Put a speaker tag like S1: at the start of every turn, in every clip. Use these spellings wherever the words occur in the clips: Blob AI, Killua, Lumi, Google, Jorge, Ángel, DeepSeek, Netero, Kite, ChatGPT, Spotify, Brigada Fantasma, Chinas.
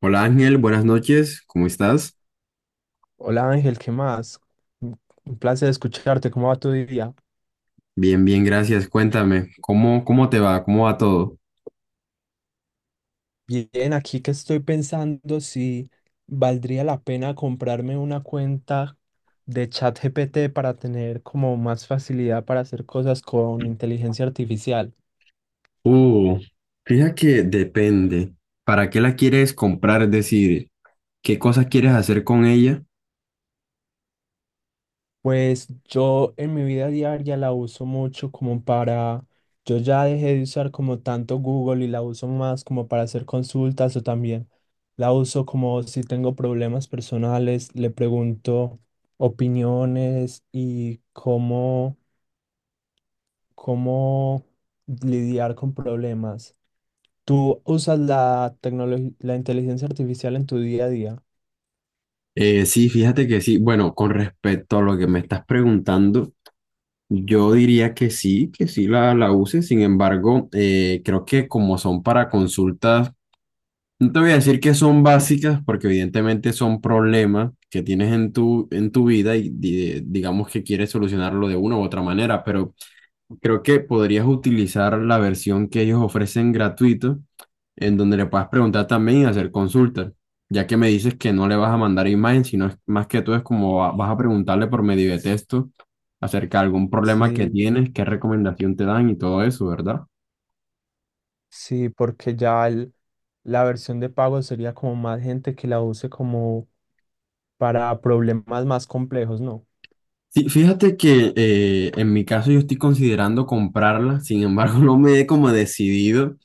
S1: Hola Ángel, buenas noches, ¿cómo estás?
S2: Hola Ángel, ¿qué más? Un un placer escucharte, ¿cómo va tu día?
S1: Bien, bien, gracias. Cuéntame, ¿cómo te va? ¿Cómo va todo?
S2: Bien, aquí que estoy pensando si valdría la pena comprarme una cuenta de ChatGPT para tener como más facilidad para hacer cosas con inteligencia artificial.
S1: Uh, fíjate que depende. ¿Para qué la quieres comprar? Es decir, ¿qué cosas quieres hacer con ella?
S2: Pues yo en mi vida diaria la uso mucho como para, yo ya dejé de usar como tanto Google y la uso más como para hacer consultas o también la uso como si tengo problemas personales, le pregunto opiniones y cómo, cómo lidiar con problemas. ¿Tú usas la tecnología, la inteligencia artificial en tu día a día?
S1: Sí, fíjate que sí. Bueno, con respecto a lo que me estás preguntando, yo diría que sí la uses. Sin embargo, creo que como son para consultas. No te voy a decir que son básicas porque evidentemente son problemas que tienes en tu vida y digamos que quieres solucionarlo de una u otra manera, pero creo que podrías utilizar la versión que ellos ofrecen gratuito, en donde le puedas preguntar también y hacer consultas, ya que me dices que no le vas a mandar imagen, sino más que todo es como vas a preguntarle por medio de texto acerca de algún problema que
S2: Sí,
S1: tienes, qué recomendación te dan y todo eso, ¿verdad?
S2: sí, porque ya la versión de pago sería como más gente que la use como para problemas más complejos, ¿no?
S1: Sí, fíjate que en mi caso yo estoy considerando comprarla, sin embargo no me he como decidido,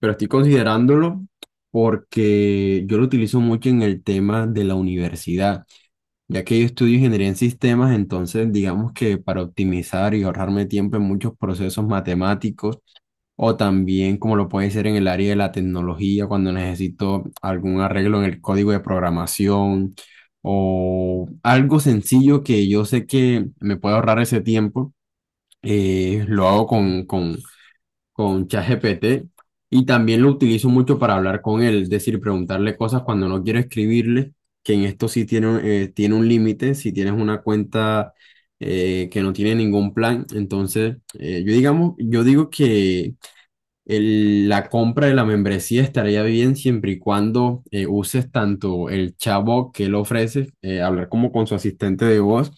S1: pero estoy considerándolo porque yo lo utilizo mucho en el tema de la universidad, ya que yo estudio ingeniería en sistemas. Entonces digamos que para optimizar y ahorrarme tiempo en muchos procesos matemáticos, o también como lo puede ser en el área de la tecnología, cuando necesito algún arreglo en el código de programación o algo sencillo que yo sé que me puede ahorrar ese tiempo, lo hago
S2: Ujú.
S1: con ChatGPT. Y también lo utilizo mucho para hablar con él, es decir, preguntarle cosas cuando no quiero escribirle, que en esto sí tiene, tiene un límite, si tienes una cuenta que no tiene ningún plan, entonces yo digo que la compra de la membresía estaría bien siempre y cuando uses tanto el chatbot que él ofrece, hablar como con su asistente de voz,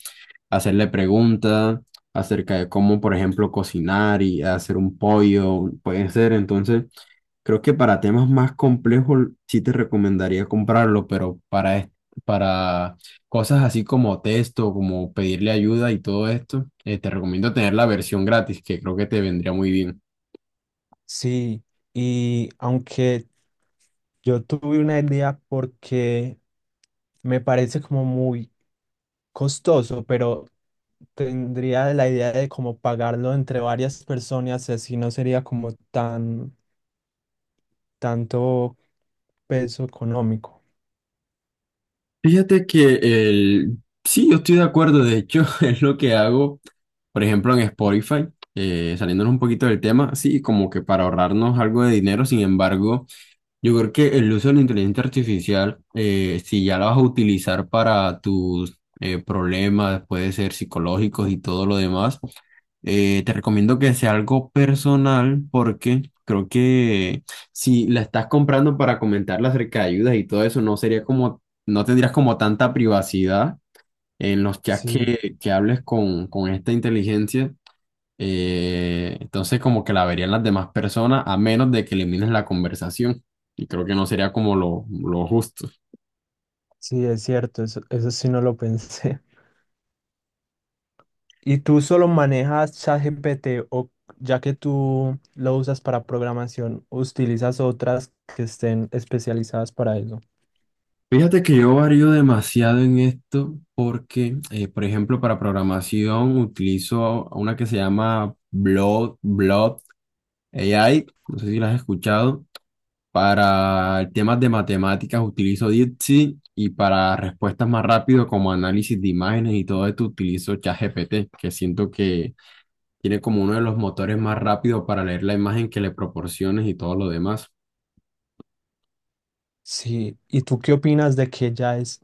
S1: hacerle preguntas acerca de cómo, por ejemplo, cocinar y hacer un pollo, puede ser. Entonces, creo que para temas más complejos sí te recomendaría comprarlo, pero para cosas así como texto, como pedirle ayuda y todo esto, te recomiendo tener la versión gratis, que creo que te vendría muy bien.
S2: Sí, y aunque yo tuve una idea porque me parece como muy costoso, pero tendría la idea de como pagarlo entre varias personas, así no sería como tan tanto peso económico.
S1: Fíjate que el... sí, yo estoy de acuerdo, de hecho, es lo que hago, por ejemplo, en Spotify, saliéndonos un poquito del tema, sí, como que para ahorrarnos algo de dinero, sin embargo. Yo creo que el uso de la inteligencia artificial, si ya la vas a utilizar para tus problemas, puede ser psicológicos y todo lo demás, te recomiendo que sea algo personal, porque creo que si la estás comprando para comentarla acerca de ayudas y todo eso, no sería como, no tendrías como tanta privacidad en los chats
S2: Sí,
S1: que hables con esta inteligencia. Entonces como que la verían las demás personas a menos de que elimines la conversación. Y creo que no sería como lo justo.
S2: sí, es cierto, eso sí no lo pensé. ¿Y tú solo manejas ChatGPT o ya que tú lo usas para programación, utilizas otras que estén especializadas para eso?
S1: Fíjate que yo varío demasiado en esto, porque, por ejemplo, para programación utilizo una que se llama Blob AI, no sé si la has escuchado. Para temas de matemáticas utilizo DeepSeek, y para respuestas más rápido como análisis de imágenes y todo esto utilizo ChatGPT, que siento que tiene como uno de los motores más rápidos para leer la imagen que le proporciones y todo lo demás.
S2: Sí. ¿Y tú qué opinas de que ya es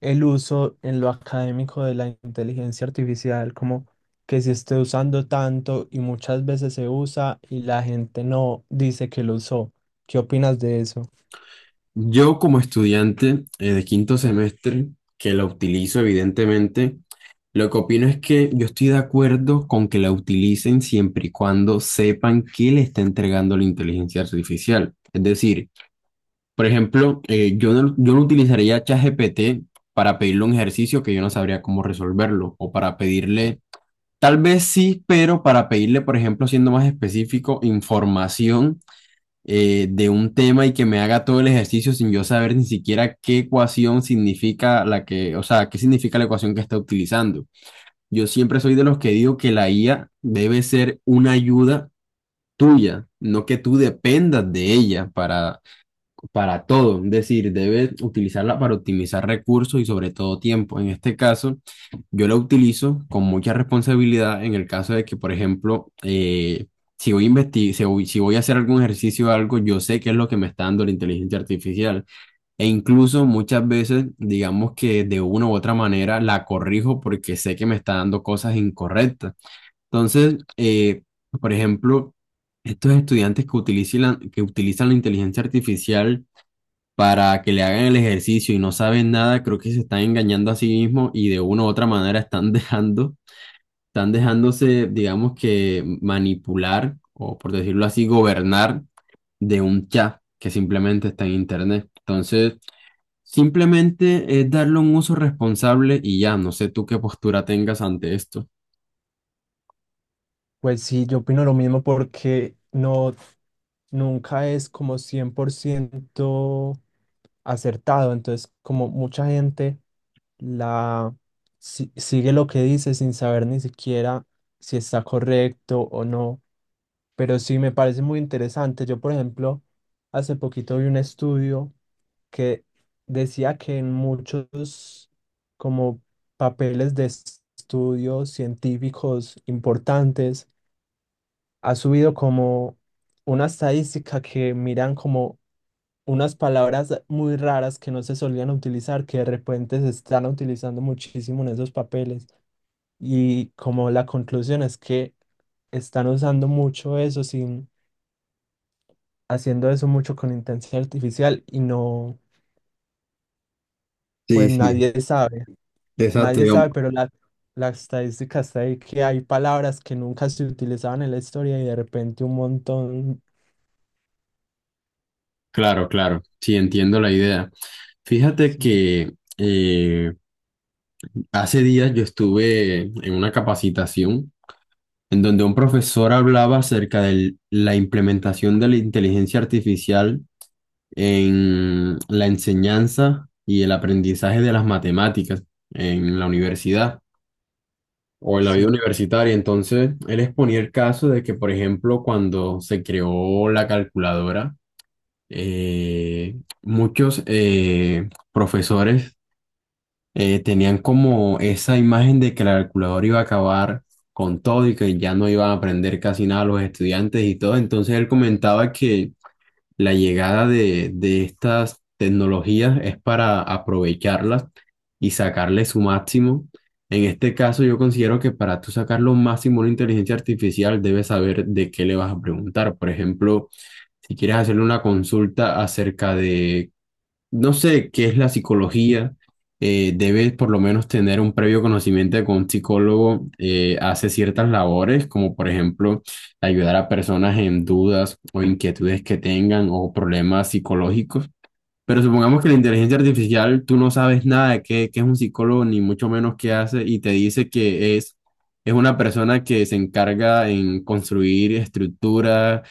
S2: el uso en lo académico de la inteligencia artificial, como que se esté usando tanto y muchas veces se usa y la gente no dice que lo usó? ¿Qué opinas de eso?
S1: Yo como estudiante de quinto semestre, que la utilizo evidentemente, lo que opino es que yo estoy de acuerdo con que la utilicen siempre y cuando sepan qué le está entregando la inteligencia artificial. Es decir, por ejemplo, yo no utilizaría ChatGPT para pedirle un ejercicio que yo no sabría cómo resolverlo, o para pedirle. Tal vez sí, pero para pedirle, por ejemplo, siendo más específico, información de un tema y que me haga todo el ejercicio sin yo saber ni siquiera qué ecuación significa la que, o sea, qué significa la ecuación que está utilizando. Yo siempre soy de los que digo que la IA debe ser una ayuda tuya, no que tú dependas de ella para todo, es decir, debe utilizarla para optimizar recursos y sobre todo tiempo. En este caso, yo la utilizo con mucha responsabilidad en el caso de que, por ejemplo, si voy a si voy a hacer algún ejercicio o algo, yo sé qué es lo que me está dando la inteligencia artificial. E incluso muchas veces, digamos que de una u otra manera la corrijo porque sé que me está dando cosas incorrectas. Entonces, por ejemplo, estos estudiantes que utilizan la inteligencia artificial para que le hagan el ejercicio y no saben nada, creo que se están engañando a sí mismos y de una u otra manera están dejando, están dejándose, digamos que manipular o, por decirlo así, gobernar de un chat que simplemente está en internet. Entonces, simplemente es darle un uso responsable y ya, no sé tú qué postura tengas ante esto.
S2: Pues sí, yo opino lo mismo porque no, nunca es como 100% acertado. Entonces, como mucha gente la sigue lo que dice sin saber ni siquiera si está correcto o no. Pero sí me parece muy interesante. Yo, por ejemplo, hace poquito vi un estudio que decía que en muchos como papeles de estudios científicos importantes ha subido como una estadística que miran como unas palabras muy raras que no se solían utilizar, que de repente se están utilizando muchísimo en esos papeles. Y como la conclusión es que están usando mucho eso sin, haciendo eso mucho con intensidad artificial y no,
S1: Sí,
S2: pues
S1: sí.
S2: nadie sabe,
S1: Exacto,
S2: nadie
S1: digamos.
S2: sabe, pero la estadística está ahí que hay palabras que nunca se utilizaban en la historia y de repente un montón,
S1: Claro, claro, sí, entiendo la idea. Fíjate
S2: sí,
S1: que hace días yo estuve en una capacitación en donde un profesor hablaba acerca de la implementación de la inteligencia artificial en la enseñanza y el aprendizaje de las matemáticas en la universidad o en la vida
S2: sí,
S1: universitaria. Entonces, él exponía el caso de que, por ejemplo, cuando se creó la calculadora, muchos profesores tenían como esa imagen de que la calculadora iba a acabar con todo y que ya no iban a aprender casi nada los estudiantes y todo. Entonces él comentaba que la llegada de estas tecnologías es para aprovecharlas y sacarle su máximo. En este caso, yo considero que para tú sacar lo máximo a una inteligencia artificial, debes saber de qué le vas a preguntar. Por ejemplo, si quieres hacerle una consulta acerca de, no sé, qué es la psicología, debes por lo menos tener un previo conocimiento de que un psicólogo hace ciertas labores, como por ejemplo ayudar a personas en dudas o inquietudes que tengan, o problemas psicológicos. Pero supongamos que la inteligencia artificial, tú no sabes nada de qué es un psicólogo, ni mucho menos qué hace, y te dice que es una persona que se encarga en construir estructuras.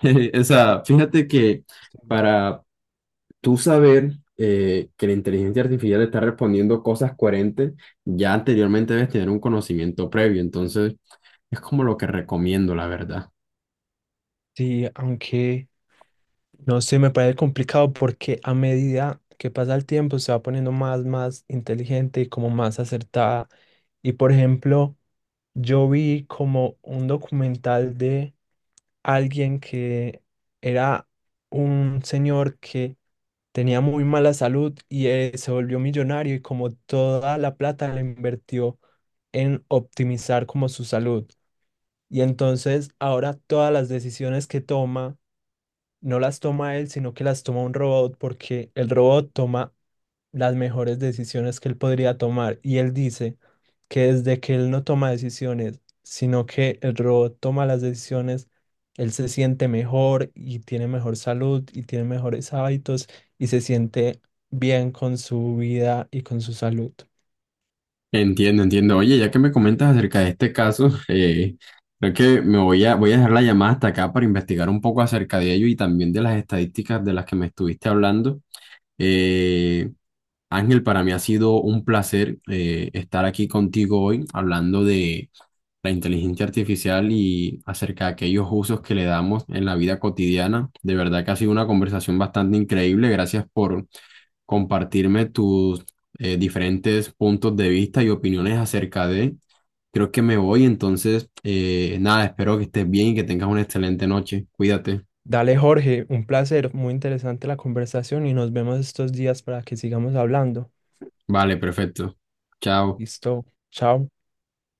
S1: O sea, fíjate que
S2: sí.
S1: para tú saber que la inteligencia artificial está respondiendo cosas coherentes, ya anteriormente debes tener un conocimiento previo. Entonces, es como lo que recomiendo, la verdad.
S2: Sí, aunque no sé, me parece complicado porque a medida que pasa el tiempo se va poniendo más, más inteligente y como más acertada. Y por ejemplo, yo vi como un documental de alguien que era un señor que tenía muy mala salud y se volvió millonario y como toda la plata la invirtió en optimizar como su salud. Y entonces ahora todas las decisiones que toma no las toma él, sino que las toma un robot porque el robot toma las mejores decisiones que él podría tomar. Y él dice que desde que él no toma decisiones, sino que el robot toma las decisiones, él se siente mejor y tiene mejor salud y tiene mejores hábitos y se siente bien con su vida y con su salud.
S1: Entiendo, entiendo. Oye, ya que me comentas acerca de este caso, creo que voy a dejar la llamada hasta acá para investigar un poco acerca de ello, y también de las estadísticas de las que me estuviste hablando. Eh, Ángel, para mí ha sido un placer estar aquí contigo hoy hablando de la inteligencia artificial y acerca de aquellos usos que le damos en la vida cotidiana. De verdad que ha sido una conversación bastante increíble. Gracias por compartirme tus diferentes puntos de vista y opiniones acerca de. Creo que me voy, entonces, nada, espero que estés bien y que tengas una excelente noche. Cuídate.
S2: Dale, Jorge, un placer, muy interesante la conversación y nos vemos estos días para que sigamos hablando.
S1: Vale, perfecto. Chao.
S2: Listo, chao.